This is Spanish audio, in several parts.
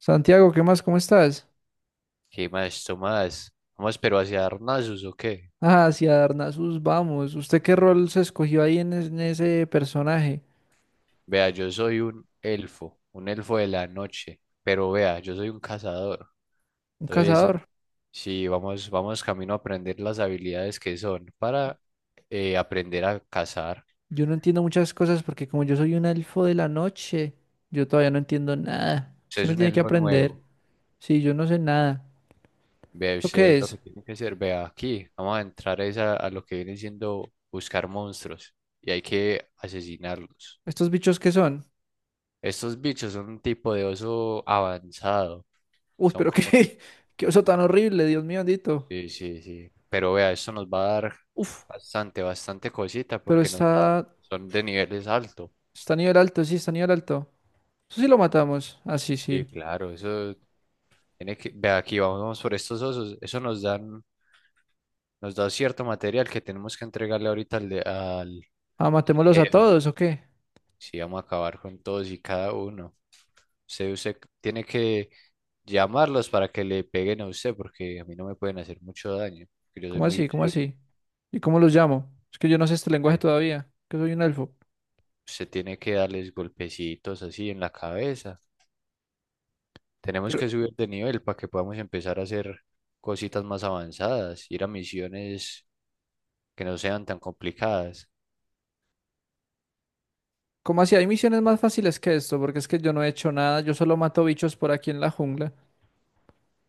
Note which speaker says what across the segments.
Speaker 1: Santiago, ¿qué más? ¿Cómo estás?
Speaker 2: ¿Qué más, Tomás? Vamos, pero hacia Arnazos, ¿o qué?
Speaker 1: Ah, hacia Darnazos, vamos. ¿Usted qué rol se escogió ahí en ese personaje?
Speaker 2: Vea, yo soy un elfo de la noche, pero vea, yo soy un cazador.
Speaker 1: ¿Un
Speaker 2: Entonces,
Speaker 1: cazador?
Speaker 2: sí, vamos, vamos camino a aprender las habilidades que son para aprender a cazar.
Speaker 1: Yo no entiendo muchas cosas porque como yo soy un elfo de la noche, yo todavía no entiendo nada.
Speaker 2: Usted
Speaker 1: Usted
Speaker 2: es
Speaker 1: me
Speaker 2: un
Speaker 1: tiene que
Speaker 2: elfo
Speaker 1: aprender.
Speaker 2: nuevo.
Speaker 1: Sí, yo no sé nada.
Speaker 2: Vea,
Speaker 1: ¿Eso qué
Speaker 2: usted lo
Speaker 1: es?
Speaker 2: que tiene que hacer, vea, aquí vamos a entrar es a lo que viene siendo buscar monstruos y hay que asesinarlos.
Speaker 1: ¿Estos bichos qué son?
Speaker 2: Estos bichos son un tipo de oso avanzado.
Speaker 1: Uf,
Speaker 2: Son
Speaker 1: pero
Speaker 2: como
Speaker 1: qué, qué oso tan horrible, Dios mío bendito.
Speaker 2: sí, sí, sí. Pero vea, esto nos va a dar
Speaker 1: Uf,
Speaker 2: bastante cosita
Speaker 1: pero
Speaker 2: porque
Speaker 1: está,
Speaker 2: son de niveles altos.
Speaker 1: está a nivel alto, sí, está a nivel alto. Eso sí lo matamos. Ah, sí,
Speaker 2: Sí,
Speaker 1: sí.
Speaker 2: claro, eso tiene que, vea, aquí vamos, vamos por estos osos, eso nos dan, nos da cierto material que tenemos que entregarle ahorita al,
Speaker 1: Ah,
Speaker 2: al
Speaker 1: matémoslos a
Speaker 2: jefe.
Speaker 1: todos, ¿o qué?
Speaker 2: Sí, vamos a acabar con todos y cada uno. Usted tiene que llamarlos para que le peguen a usted porque a mí no me pueden hacer mucho daño, porque yo soy
Speaker 1: ¿Cómo
Speaker 2: muy
Speaker 1: así? ¿Cómo
Speaker 2: débil.
Speaker 1: así? ¿Y cómo los llamo? Es que yo no sé este lenguaje
Speaker 2: eh.
Speaker 1: todavía, que soy un elfo.
Speaker 2: Usted tiene que darles golpecitos así en la cabeza. Tenemos
Speaker 1: Pero,
Speaker 2: que subir de nivel para que podamos empezar a hacer cositas más avanzadas, ir a misiones que no sean tan complicadas.
Speaker 1: ¿cómo así? Hay misiones más fáciles que esto, porque es que yo no he hecho nada, yo solo mato bichos por aquí en la jungla.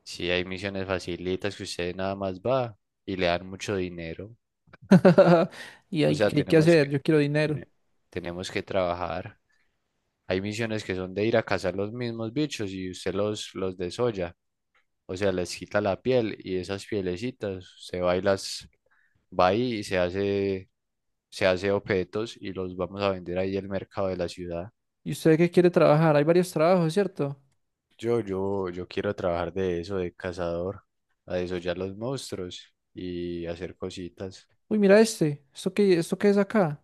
Speaker 2: Si hay misiones facilitas que usted nada más va y le dan mucho dinero,
Speaker 1: ¿Y
Speaker 2: o
Speaker 1: hay,
Speaker 2: sea,
Speaker 1: qué hay que hacer? Yo quiero dinero.
Speaker 2: tene- tenemos que trabajar. Hay misiones que son de ir a cazar los mismos bichos y usted los desolla, o sea, les quita la piel y esas pielecitas se va y las va ahí y se hace objetos y los vamos a vender ahí al mercado de la ciudad.
Speaker 1: ¿Y usted qué quiere trabajar? Hay varios trabajos, ¿cierto?
Speaker 2: Yo quiero trabajar de eso, de cazador, a desollar los monstruos y hacer cositas.
Speaker 1: Uy, mira este. Esto qué es acá?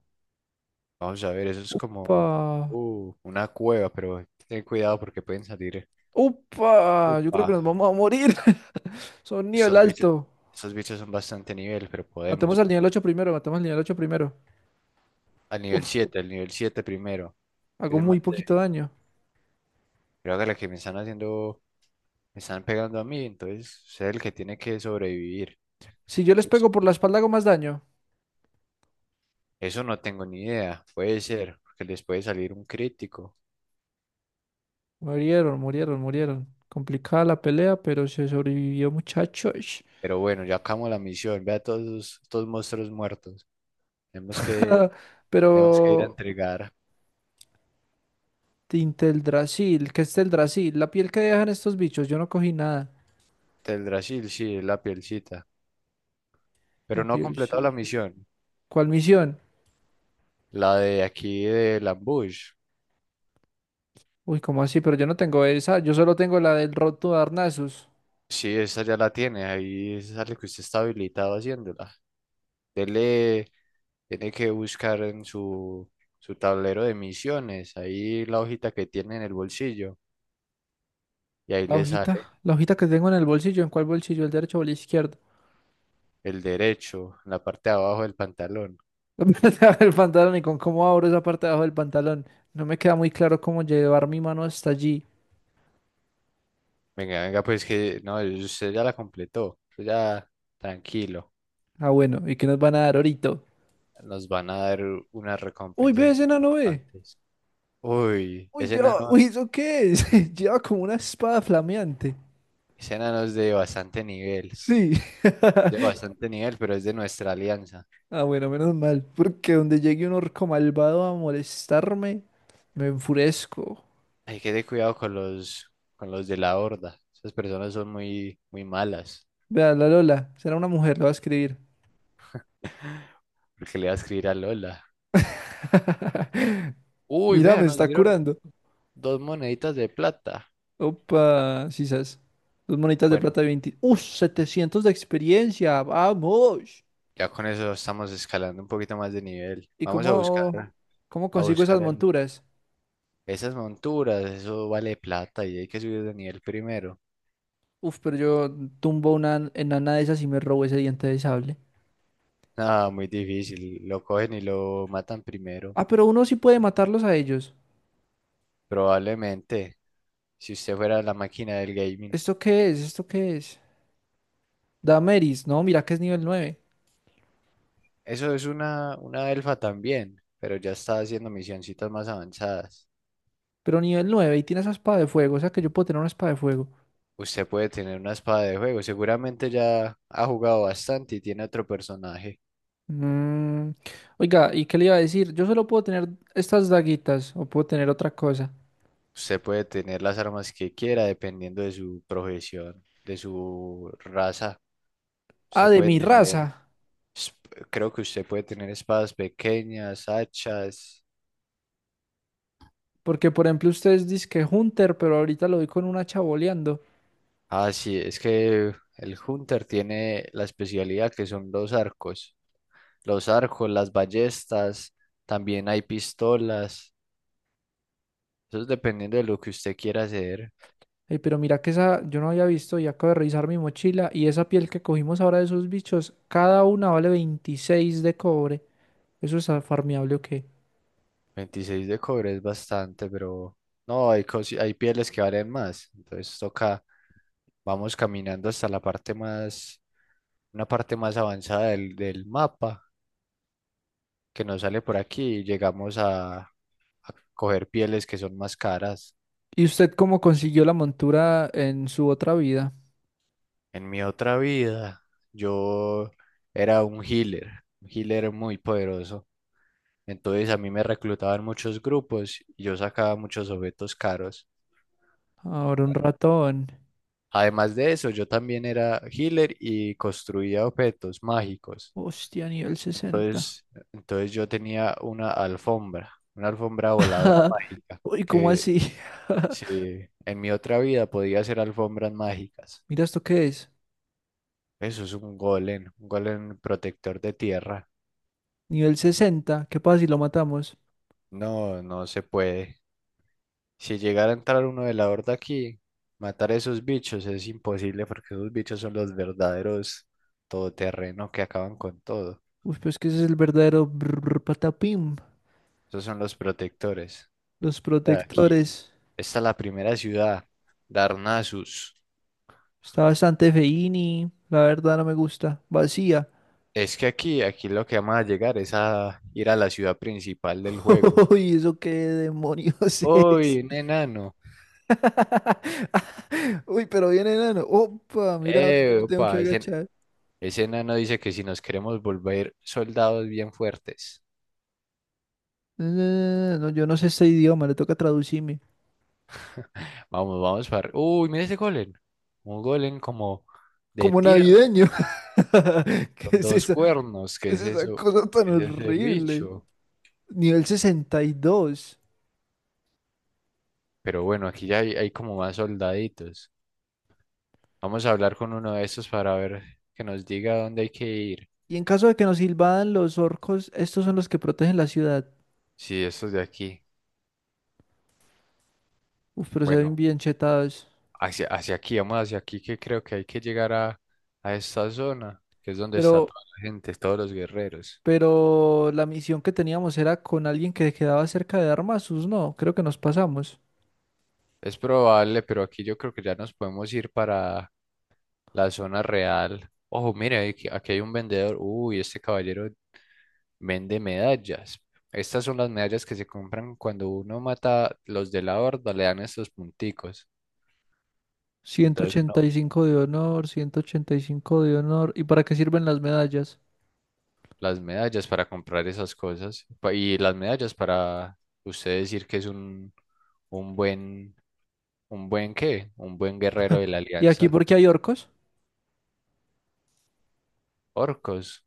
Speaker 2: Vamos a ver, eso es como
Speaker 1: ¡Upa!
Speaker 2: una cueva, pero ten cuidado porque pueden salir.
Speaker 1: ¡Upa! Yo creo que
Speaker 2: Upa,
Speaker 1: nos vamos a morir. Son nivel
Speaker 2: estos bichos,
Speaker 1: alto.
Speaker 2: estos bichos son bastante nivel, pero
Speaker 1: Matemos
Speaker 2: podemos.
Speaker 1: al nivel 8 primero, matemos al nivel 8 primero. Uf,
Speaker 2: Al nivel siete primero, que es
Speaker 1: hago
Speaker 2: el más
Speaker 1: muy poquito
Speaker 2: débil.
Speaker 1: daño.
Speaker 2: Creo que la que me están haciendo, me están pegando a mí, entonces es el que tiene que sobrevivir.
Speaker 1: Si yo les
Speaker 2: Pues,
Speaker 1: pego por la
Speaker 2: pues,
Speaker 1: espalda, hago más daño.
Speaker 2: Eso no tengo ni idea, puede ser, porque les puede salir un crítico.
Speaker 1: Murieron, murieron, murieron. Complicada la pelea, pero se sobrevivió, muchachos.
Speaker 2: Pero bueno, ya acabamos la misión. Vea a estos monstruos muertos. Tenemos que,
Speaker 1: Ah, pero
Speaker 2: tenemos que ir a entregar.
Speaker 1: Brasil, ¿qué es Brasil? La piel que dejan estos bichos, yo no cogí nada.
Speaker 2: Teldrassil, sí, la pielcita.
Speaker 1: La
Speaker 2: Pero no ha
Speaker 1: piel,
Speaker 2: completado
Speaker 1: sí.
Speaker 2: la misión.
Speaker 1: ¿Cuál misión?
Speaker 2: La de aquí del ambush.
Speaker 1: Uy, ¿cómo así? Pero yo no tengo esa, yo solo tengo la del Roto de Arnasus.
Speaker 2: Sí, esa ya la tiene. Ahí sale que usted está habilitado haciéndola. Dele, tiene que buscar en su tablero de misiones. Ahí la hojita que tiene en el bolsillo. Y ahí le sale
Speaker 1: La hojita que tengo en el bolsillo, ¿en cuál bolsillo? ¿El derecho o el izquierdo?
Speaker 2: el derecho, en la parte de abajo del pantalón.
Speaker 1: El pantalón y con cómo abro esa parte de abajo del pantalón. No me queda muy claro cómo llevar mi mano hasta allí.
Speaker 2: Venga, venga, pues que no, usted ya la completó. Usted ya tranquilo.
Speaker 1: Ah, bueno, ¿y qué nos van a dar ahorita?
Speaker 2: Nos van a dar unas
Speaker 1: Uy,
Speaker 2: recompensas
Speaker 1: ve ese
Speaker 2: muy
Speaker 1: enano, ve.
Speaker 2: importantes. Uy,
Speaker 1: Uy, yo, uy, ¿eso qué es? Lleva como una espada flameante.
Speaker 2: ese enano es de bastante nivel.
Speaker 1: Sí.
Speaker 2: De bastante nivel, pero es de nuestra alianza.
Speaker 1: Ah, bueno, menos mal, porque donde llegue un orco malvado a molestarme, me enfurezco.
Speaker 2: Hay que tener cuidado con los de la horda. Esas personas son muy, muy malas.
Speaker 1: Vea, la Lola, será una mujer, la va a escribir.
Speaker 2: Porque le va a escribir a Lola. Uy,
Speaker 1: Mira,
Speaker 2: vea,
Speaker 1: me
Speaker 2: nos
Speaker 1: está
Speaker 2: dieron
Speaker 1: curando.
Speaker 2: dos moneditas de plata.
Speaker 1: Opa, sisas. Dos monitas de
Speaker 2: Bueno,
Speaker 1: plata de 20. ¡Uh! 700 de experiencia, vamos.
Speaker 2: ya con eso estamos escalando un poquito más de nivel.
Speaker 1: ¿Y
Speaker 2: Vamos a
Speaker 1: cómo,
Speaker 2: buscar.
Speaker 1: cómo
Speaker 2: a
Speaker 1: consigo
Speaker 2: buscar
Speaker 1: esas
Speaker 2: el-
Speaker 1: monturas?
Speaker 2: Esas monturas, eso vale plata y hay que subir de nivel primero.
Speaker 1: Uf, pero yo tumbo una enana de esas y me robo ese diente de sable.
Speaker 2: Nada, muy difícil, lo cogen y lo matan primero,
Speaker 1: Ah, pero uno sí puede matarlos a ellos.
Speaker 2: probablemente, si usted fuera la máquina del gaming.
Speaker 1: ¿Esto qué es? ¿Esto qué es? Damaris, no, mira que es nivel 9.
Speaker 2: Eso es una elfa también, pero ya está haciendo misioncitas más avanzadas.
Speaker 1: Pero nivel 9 y tiene esa espada de fuego, o sea que yo puedo tener una espada de fuego.
Speaker 2: Usted puede tener una espada de juego, seguramente ya ha jugado bastante y tiene otro personaje.
Speaker 1: Mm. Oiga, ¿y qué le iba a decir? Yo solo puedo tener estas daguitas o puedo tener otra cosa.
Speaker 2: Usted puede tener las armas que quiera dependiendo de su profesión, de su raza.
Speaker 1: Ah,
Speaker 2: Usted
Speaker 1: de
Speaker 2: puede
Speaker 1: mi raza.
Speaker 2: tener Es- Creo que usted puede tener espadas pequeñas, hachas.
Speaker 1: Porque por ejemplo ustedes dicen que Hunter, pero ahorita lo vi con una chaboleando.
Speaker 2: Ah, sí, es que el Hunter tiene la especialidad que son los arcos. Los arcos, las ballestas, también hay pistolas. Eso es dependiendo de lo que usted quiera hacer.
Speaker 1: Ey, pero mira que esa yo no había visto y acabo de revisar mi mochila y esa piel que cogimos ahora de esos bichos, cada una vale 26 de cobre. ¿Eso es ah, farmeable o qué?
Speaker 2: Veintiséis de cobre es bastante, pero no, hay, hay pieles que valen más. Entonces toca, vamos caminando hasta la parte más, una parte más avanzada del mapa que nos sale por aquí y llegamos a coger pieles que son más caras.
Speaker 1: ¿Y usted cómo consiguió la montura en su otra vida?
Speaker 2: En mi otra vida, yo era un healer muy poderoso. Entonces a mí me reclutaban muchos grupos y yo sacaba muchos objetos caros.
Speaker 1: Ahora un ratón.
Speaker 2: Además de eso, yo también era healer y construía objetos mágicos.
Speaker 1: ¡Hostia, nivel 60!
Speaker 2: Entonces, entonces yo tenía una alfombra voladora mágica,
Speaker 1: Uy, ¿cómo
Speaker 2: que
Speaker 1: así?
Speaker 2: sí, en mi otra vida podía hacer alfombras mágicas.
Speaker 1: Mira esto qué es.
Speaker 2: Eso es un golem protector de tierra.
Speaker 1: Nivel 60. ¿Qué pasa si lo matamos?
Speaker 2: No se puede. Si llegara a entrar uno de la horda aquí, matar a esos bichos es imposible porque esos bichos son los verdaderos todoterreno que acaban con todo.
Speaker 1: Uy, pues que ese es el verdadero brr patapim.
Speaker 2: Esos son los protectores.
Speaker 1: Los
Speaker 2: Ya, aquí
Speaker 1: protectores.
Speaker 2: está la primera ciudad, Darnassus.
Speaker 1: Está bastante feini. La verdad no me gusta. Vacía.
Speaker 2: Es que aquí, aquí lo que vamos a llegar es a ir a la ciudad principal del juego.
Speaker 1: Uy, ¿eso qué demonios es?
Speaker 2: ¡Uy, un enano!
Speaker 1: Uy, pero viene enano. Opa, mira, a ver, no me tengo que
Speaker 2: ¡Epa!
Speaker 1: agachar.
Speaker 2: Ese enano dice que si nos queremos volver soldados bien fuertes,
Speaker 1: No, yo no sé este idioma, le toca traducirme.
Speaker 2: vamos, vamos para... Uy, mira ese golem. Un golem como de
Speaker 1: Como
Speaker 2: tierra,
Speaker 1: navideño. ¿Qué
Speaker 2: con
Speaker 1: es
Speaker 2: dos
Speaker 1: esa,
Speaker 2: cuernos.
Speaker 1: qué
Speaker 2: ¿Qué
Speaker 1: es
Speaker 2: es
Speaker 1: esa
Speaker 2: eso?
Speaker 1: cosa tan
Speaker 2: ¿Qué es ese
Speaker 1: horrible?
Speaker 2: bicho?
Speaker 1: Nivel 62. Y dos.
Speaker 2: Pero bueno, aquí ya hay como más soldaditos. Vamos a hablar con uno de estos para ver que nos diga dónde hay que ir.
Speaker 1: Y en caso de que nos invadan los orcos, estos son los que protegen la ciudad.
Speaker 2: Sí, estos de aquí.
Speaker 1: Uf, pero se ven
Speaker 2: Bueno,
Speaker 1: bien chetados.
Speaker 2: hacia aquí, vamos hacia aquí que creo que hay que llegar a esta zona, que es donde está
Speaker 1: Pero
Speaker 2: toda la gente, todos los guerreros.
Speaker 1: Pero la misión que teníamos era con alguien que quedaba cerca de Armasus, no, creo que nos pasamos.
Speaker 2: Es probable, pero aquí yo creo que ya nos podemos ir para la zona real. Ojo, mire, aquí, aquí hay un vendedor. Uy, este caballero vende medallas. Estas son las medallas que se compran cuando uno mata los de la horda, le dan estos punticos.
Speaker 1: Ciento
Speaker 2: Entonces,
Speaker 1: ochenta y
Speaker 2: no,
Speaker 1: cinco de honor, 185 de honor. ¿Y para qué sirven las medallas?
Speaker 2: las medallas para comprar esas cosas. Y las medallas para usted decir que es un buen, un buen qué, un buen guerrero de la
Speaker 1: ¿Y aquí
Speaker 2: alianza.
Speaker 1: porque hay orcos?
Speaker 2: Orcos.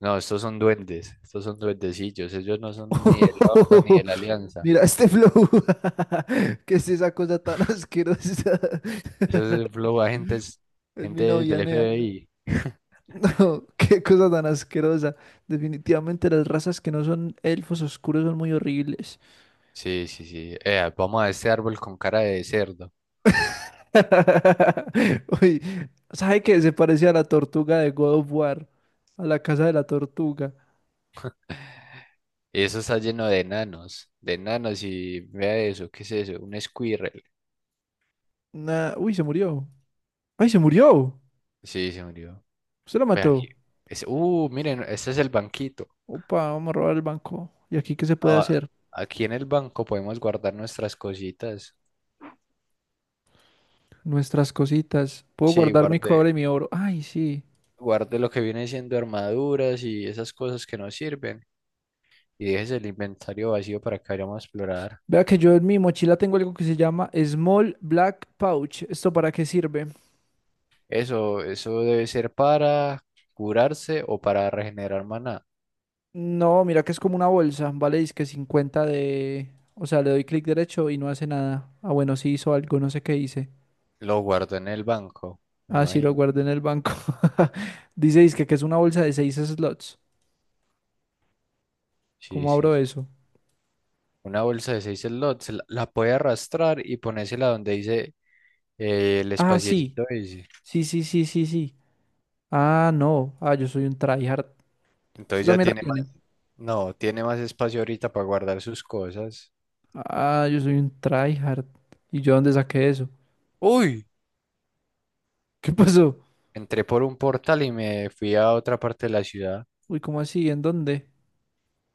Speaker 2: No, estos son duendes, estos son duendecillos, ellos no son ni de la Horda ni de la Alianza.
Speaker 1: Mira este flow. ¿Qué es esa cosa tan asquerosa?
Speaker 2: Esos es flow agentes,
Speaker 1: Es mi
Speaker 2: gente
Speaker 1: novia,
Speaker 2: del
Speaker 1: Nea.
Speaker 2: FBI.
Speaker 1: No, qué cosa tan asquerosa. Definitivamente las razas que no son elfos oscuros son muy horribles.
Speaker 2: Sí, sí, sí. Vamos a este árbol con cara de cerdo.
Speaker 1: Uy, ¿sabe qué? Se parecía a la tortuga de God of War, a la casa de la tortuga.
Speaker 2: Y eso está lleno de enanos y vea eso, ¿qué es eso? Un squirrel.
Speaker 1: Nah, uy, se murió. ¡Ay, se murió!
Speaker 2: Sí, se murió.
Speaker 1: Se la
Speaker 2: Ve
Speaker 1: mató.
Speaker 2: aquí. Es, miren, este es el banquito.
Speaker 1: Opa, vamos a robar el banco. ¿Y aquí qué se puede
Speaker 2: No,
Speaker 1: hacer?
Speaker 2: aquí en el banco podemos guardar nuestras cositas.
Speaker 1: Nuestras cositas. Puedo
Speaker 2: Sí,
Speaker 1: guardar mi
Speaker 2: guarde,
Speaker 1: cobre y mi oro. Ay, sí.
Speaker 2: guarde lo que viene siendo armaduras y esas cosas que nos sirven. Y dejes el inventario vacío para que vayamos a explorar.
Speaker 1: Vea que yo en mi mochila tengo algo que se llama Small Black Pouch. ¿Esto para qué sirve?
Speaker 2: Eso debe ser para curarse o para regenerar maná.
Speaker 1: No, mira que es como una bolsa. Vale, dice que 50 de... O sea, le doy clic derecho y no hace nada. Ah, bueno, sí hizo algo, no sé qué hice.
Speaker 2: Lo guardo en el banco, me
Speaker 1: Ah, sí, lo
Speaker 2: imagino.
Speaker 1: guardé en el banco. Dice, dizque que es una bolsa de seis slots.
Speaker 2: Sí,
Speaker 1: ¿Cómo
Speaker 2: sí,
Speaker 1: abro
Speaker 2: sí.
Speaker 1: eso?
Speaker 2: Una bolsa de 6 slots, la puede arrastrar y ponérsela donde dice el
Speaker 1: Ah, sí.
Speaker 2: espaciecito ese.
Speaker 1: Sí, sí, sí, sí, sí. Ah, no. Ah, yo soy un tryhard. Usted
Speaker 2: Entonces ya
Speaker 1: también la
Speaker 2: tiene más,
Speaker 1: tiene.
Speaker 2: no, tiene más espacio ahorita para guardar sus cosas.
Speaker 1: Ah, yo soy un tryhard. ¿Y yo dónde saqué eso?
Speaker 2: ¡Uy!
Speaker 1: ¿Qué pasó?
Speaker 2: Entré por un portal y me fui a otra parte de la ciudad.
Speaker 1: Uy, ¿cómo así? ¿En dónde?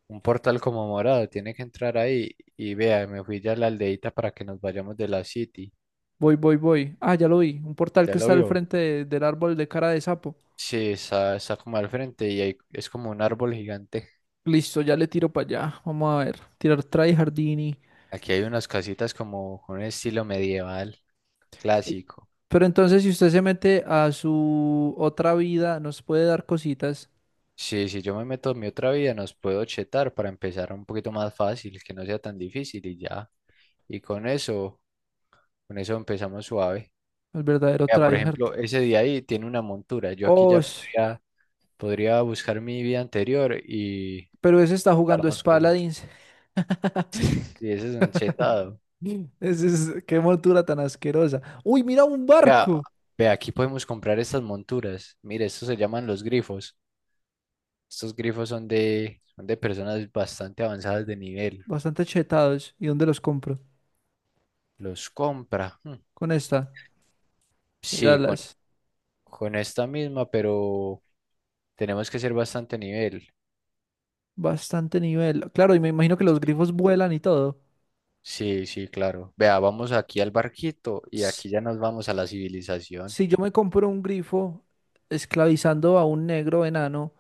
Speaker 2: Un portal como morado, tiene que entrar ahí y vea, me fui ya a la aldeita para que nos vayamos de la city.
Speaker 1: Voy, voy, voy. Ah, ya lo vi. Un portal
Speaker 2: ¿Ya
Speaker 1: que
Speaker 2: lo
Speaker 1: está al
Speaker 2: vio?
Speaker 1: frente de- del árbol de cara de sapo.
Speaker 2: Sí, está como al frente y ahí es como un árbol gigante.
Speaker 1: Listo, ya le tiro para allá. Vamos a ver. Tirar tryhardini.
Speaker 2: Aquí hay unas casitas como con un estilo medieval
Speaker 1: Uy,
Speaker 2: clásico.
Speaker 1: pero entonces, si usted se mete a su otra vida, nos puede dar cositas.
Speaker 2: Sí, si yo me meto en mi otra vida, nos puedo chetar para empezar un poquito más fácil, que no sea tan difícil y ya. Y con eso, con eso empezamos suave.
Speaker 1: El verdadero
Speaker 2: Vea, por
Speaker 1: tryhard.
Speaker 2: ejemplo, ese día ahí tiene una montura. Yo aquí
Speaker 1: Oh,
Speaker 2: ya
Speaker 1: sh-
Speaker 2: podría, podría buscar mi vida anterior
Speaker 1: pero ese está jugando es
Speaker 2: darnos cosas.
Speaker 1: Paladins.
Speaker 2: Sí, ese es un chetado.
Speaker 1: Ese es, qué montura tan asquerosa. Uy, mira un
Speaker 2: Vea,
Speaker 1: barco.
Speaker 2: vea, aquí podemos comprar estas monturas. Mire, estos se llaman los grifos. Estos grifos son son de personas bastante avanzadas de nivel.
Speaker 1: Bastante chetados. ¿Y dónde los compro?
Speaker 2: Los compra.
Speaker 1: Con esta. El
Speaker 2: Sí,
Speaker 1: alas.
Speaker 2: con esta misma, pero tenemos que ser bastante nivel.
Speaker 1: Bastante nivel. Claro, y me imagino que los
Speaker 2: Sí,
Speaker 1: grifos vuelan y todo.
Speaker 2: sí, sí, claro. Vea, vamos aquí al barquito y
Speaker 1: Ps,
Speaker 2: aquí ya nos vamos a la civilización.
Speaker 1: si yo me compro un grifo esclavizando a un negro enano,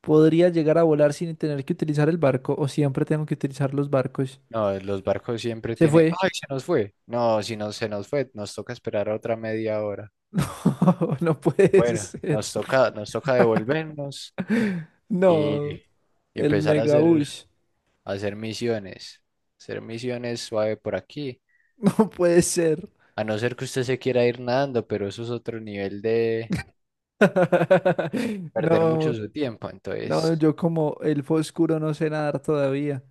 Speaker 1: ¿podría llegar a volar sin tener que utilizar el barco? ¿O siempre tengo que utilizar los barcos?
Speaker 2: No, los barcos siempre
Speaker 1: Se
Speaker 2: tienen.
Speaker 1: fue.
Speaker 2: ¡Ay, se nos fue! No, si no se nos fue, nos toca esperar otra media hora.
Speaker 1: No, no puede
Speaker 2: Bueno,
Speaker 1: ser.
Speaker 2: nos toca devolvernos y,
Speaker 1: No.
Speaker 2: y
Speaker 1: El
Speaker 2: empezar a hacer,
Speaker 1: Megabush.
Speaker 2: a hacer misiones. Hacer misiones suave por aquí.
Speaker 1: No puede ser.
Speaker 2: A no ser que usted se quiera ir nadando, pero eso es otro nivel de perder
Speaker 1: No,
Speaker 2: mucho su tiempo.
Speaker 1: no,
Speaker 2: Entonces,
Speaker 1: yo como el oscuro no sé nadar todavía.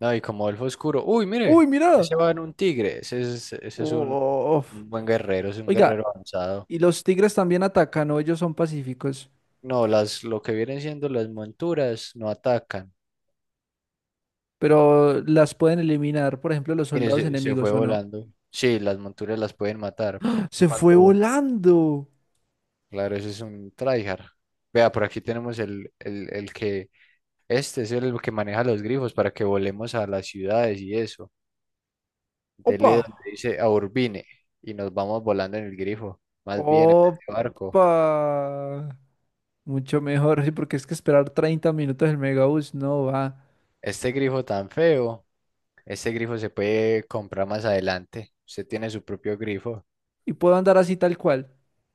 Speaker 2: no, y como elfo oscuro. Uy,
Speaker 1: ¡Uy,
Speaker 2: mire,
Speaker 1: mira!
Speaker 2: ese va en un tigre. Ese es
Speaker 1: Uf.
Speaker 2: un buen guerrero, es un
Speaker 1: Oiga,
Speaker 2: guerrero avanzado.
Speaker 1: y los tigres también atacan, ¿no? Ellos son pacíficos,
Speaker 2: No, lo que vienen siendo las monturas no atacan.
Speaker 1: pero las pueden eliminar, por ejemplo, los
Speaker 2: Mire,
Speaker 1: soldados
Speaker 2: se fue
Speaker 1: enemigos, ¿o no?
Speaker 2: volando. Sí, las monturas las pueden matar
Speaker 1: ¡Se fue
Speaker 2: cuando,
Speaker 1: volando!
Speaker 2: claro, eso es un tryhard. Vea, por aquí tenemos el que, este es el que maneja los grifos para que volemos a las ciudades y eso.
Speaker 1: ¡Opa!
Speaker 2: Dele donde dice a Urbine y nos vamos volando en el grifo, más bien en vez
Speaker 1: ¡Opa!
Speaker 2: de barco.
Speaker 1: Mucho mejor, sí, porque es que esperar 30 minutos el Megabus no va.
Speaker 2: Este grifo tan feo, este grifo se puede comprar más adelante. Usted tiene su propio grifo,
Speaker 1: Y puedo andar así tal cual,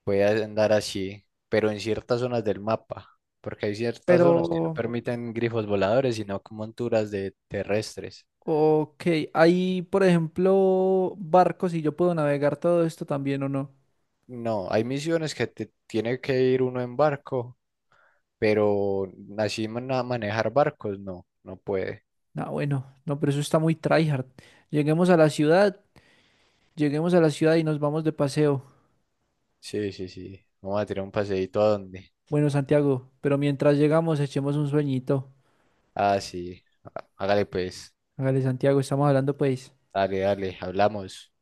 Speaker 2: puede andar así, pero en ciertas zonas del mapa, porque hay ciertas zonas que no
Speaker 1: pero...
Speaker 2: permiten grifos voladores, sino como monturas de terrestres.
Speaker 1: Ok, hay por ejemplo, barcos y yo puedo navegar todo esto también o no.
Speaker 2: No, hay misiones que te tiene que ir uno en barco, pero a manejar barcos, no, no puede.
Speaker 1: Ah, bueno, no, pero eso está muy tryhard. Lleguemos a la ciudad, lleguemos a la ciudad y nos vamos de paseo.
Speaker 2: Sí, sí, sí. Vamos a tirar un paseíto a dónde.
Speaker 1: Bueno, Santiago, pero mientras llegamos echemos un sueñito.
Speaker 2: Ah, sí. Hágale pues.
Speaker 1: Hágale, Santiago, estamos hablando pues.
Speaker 2: Dale, dale, hablamos.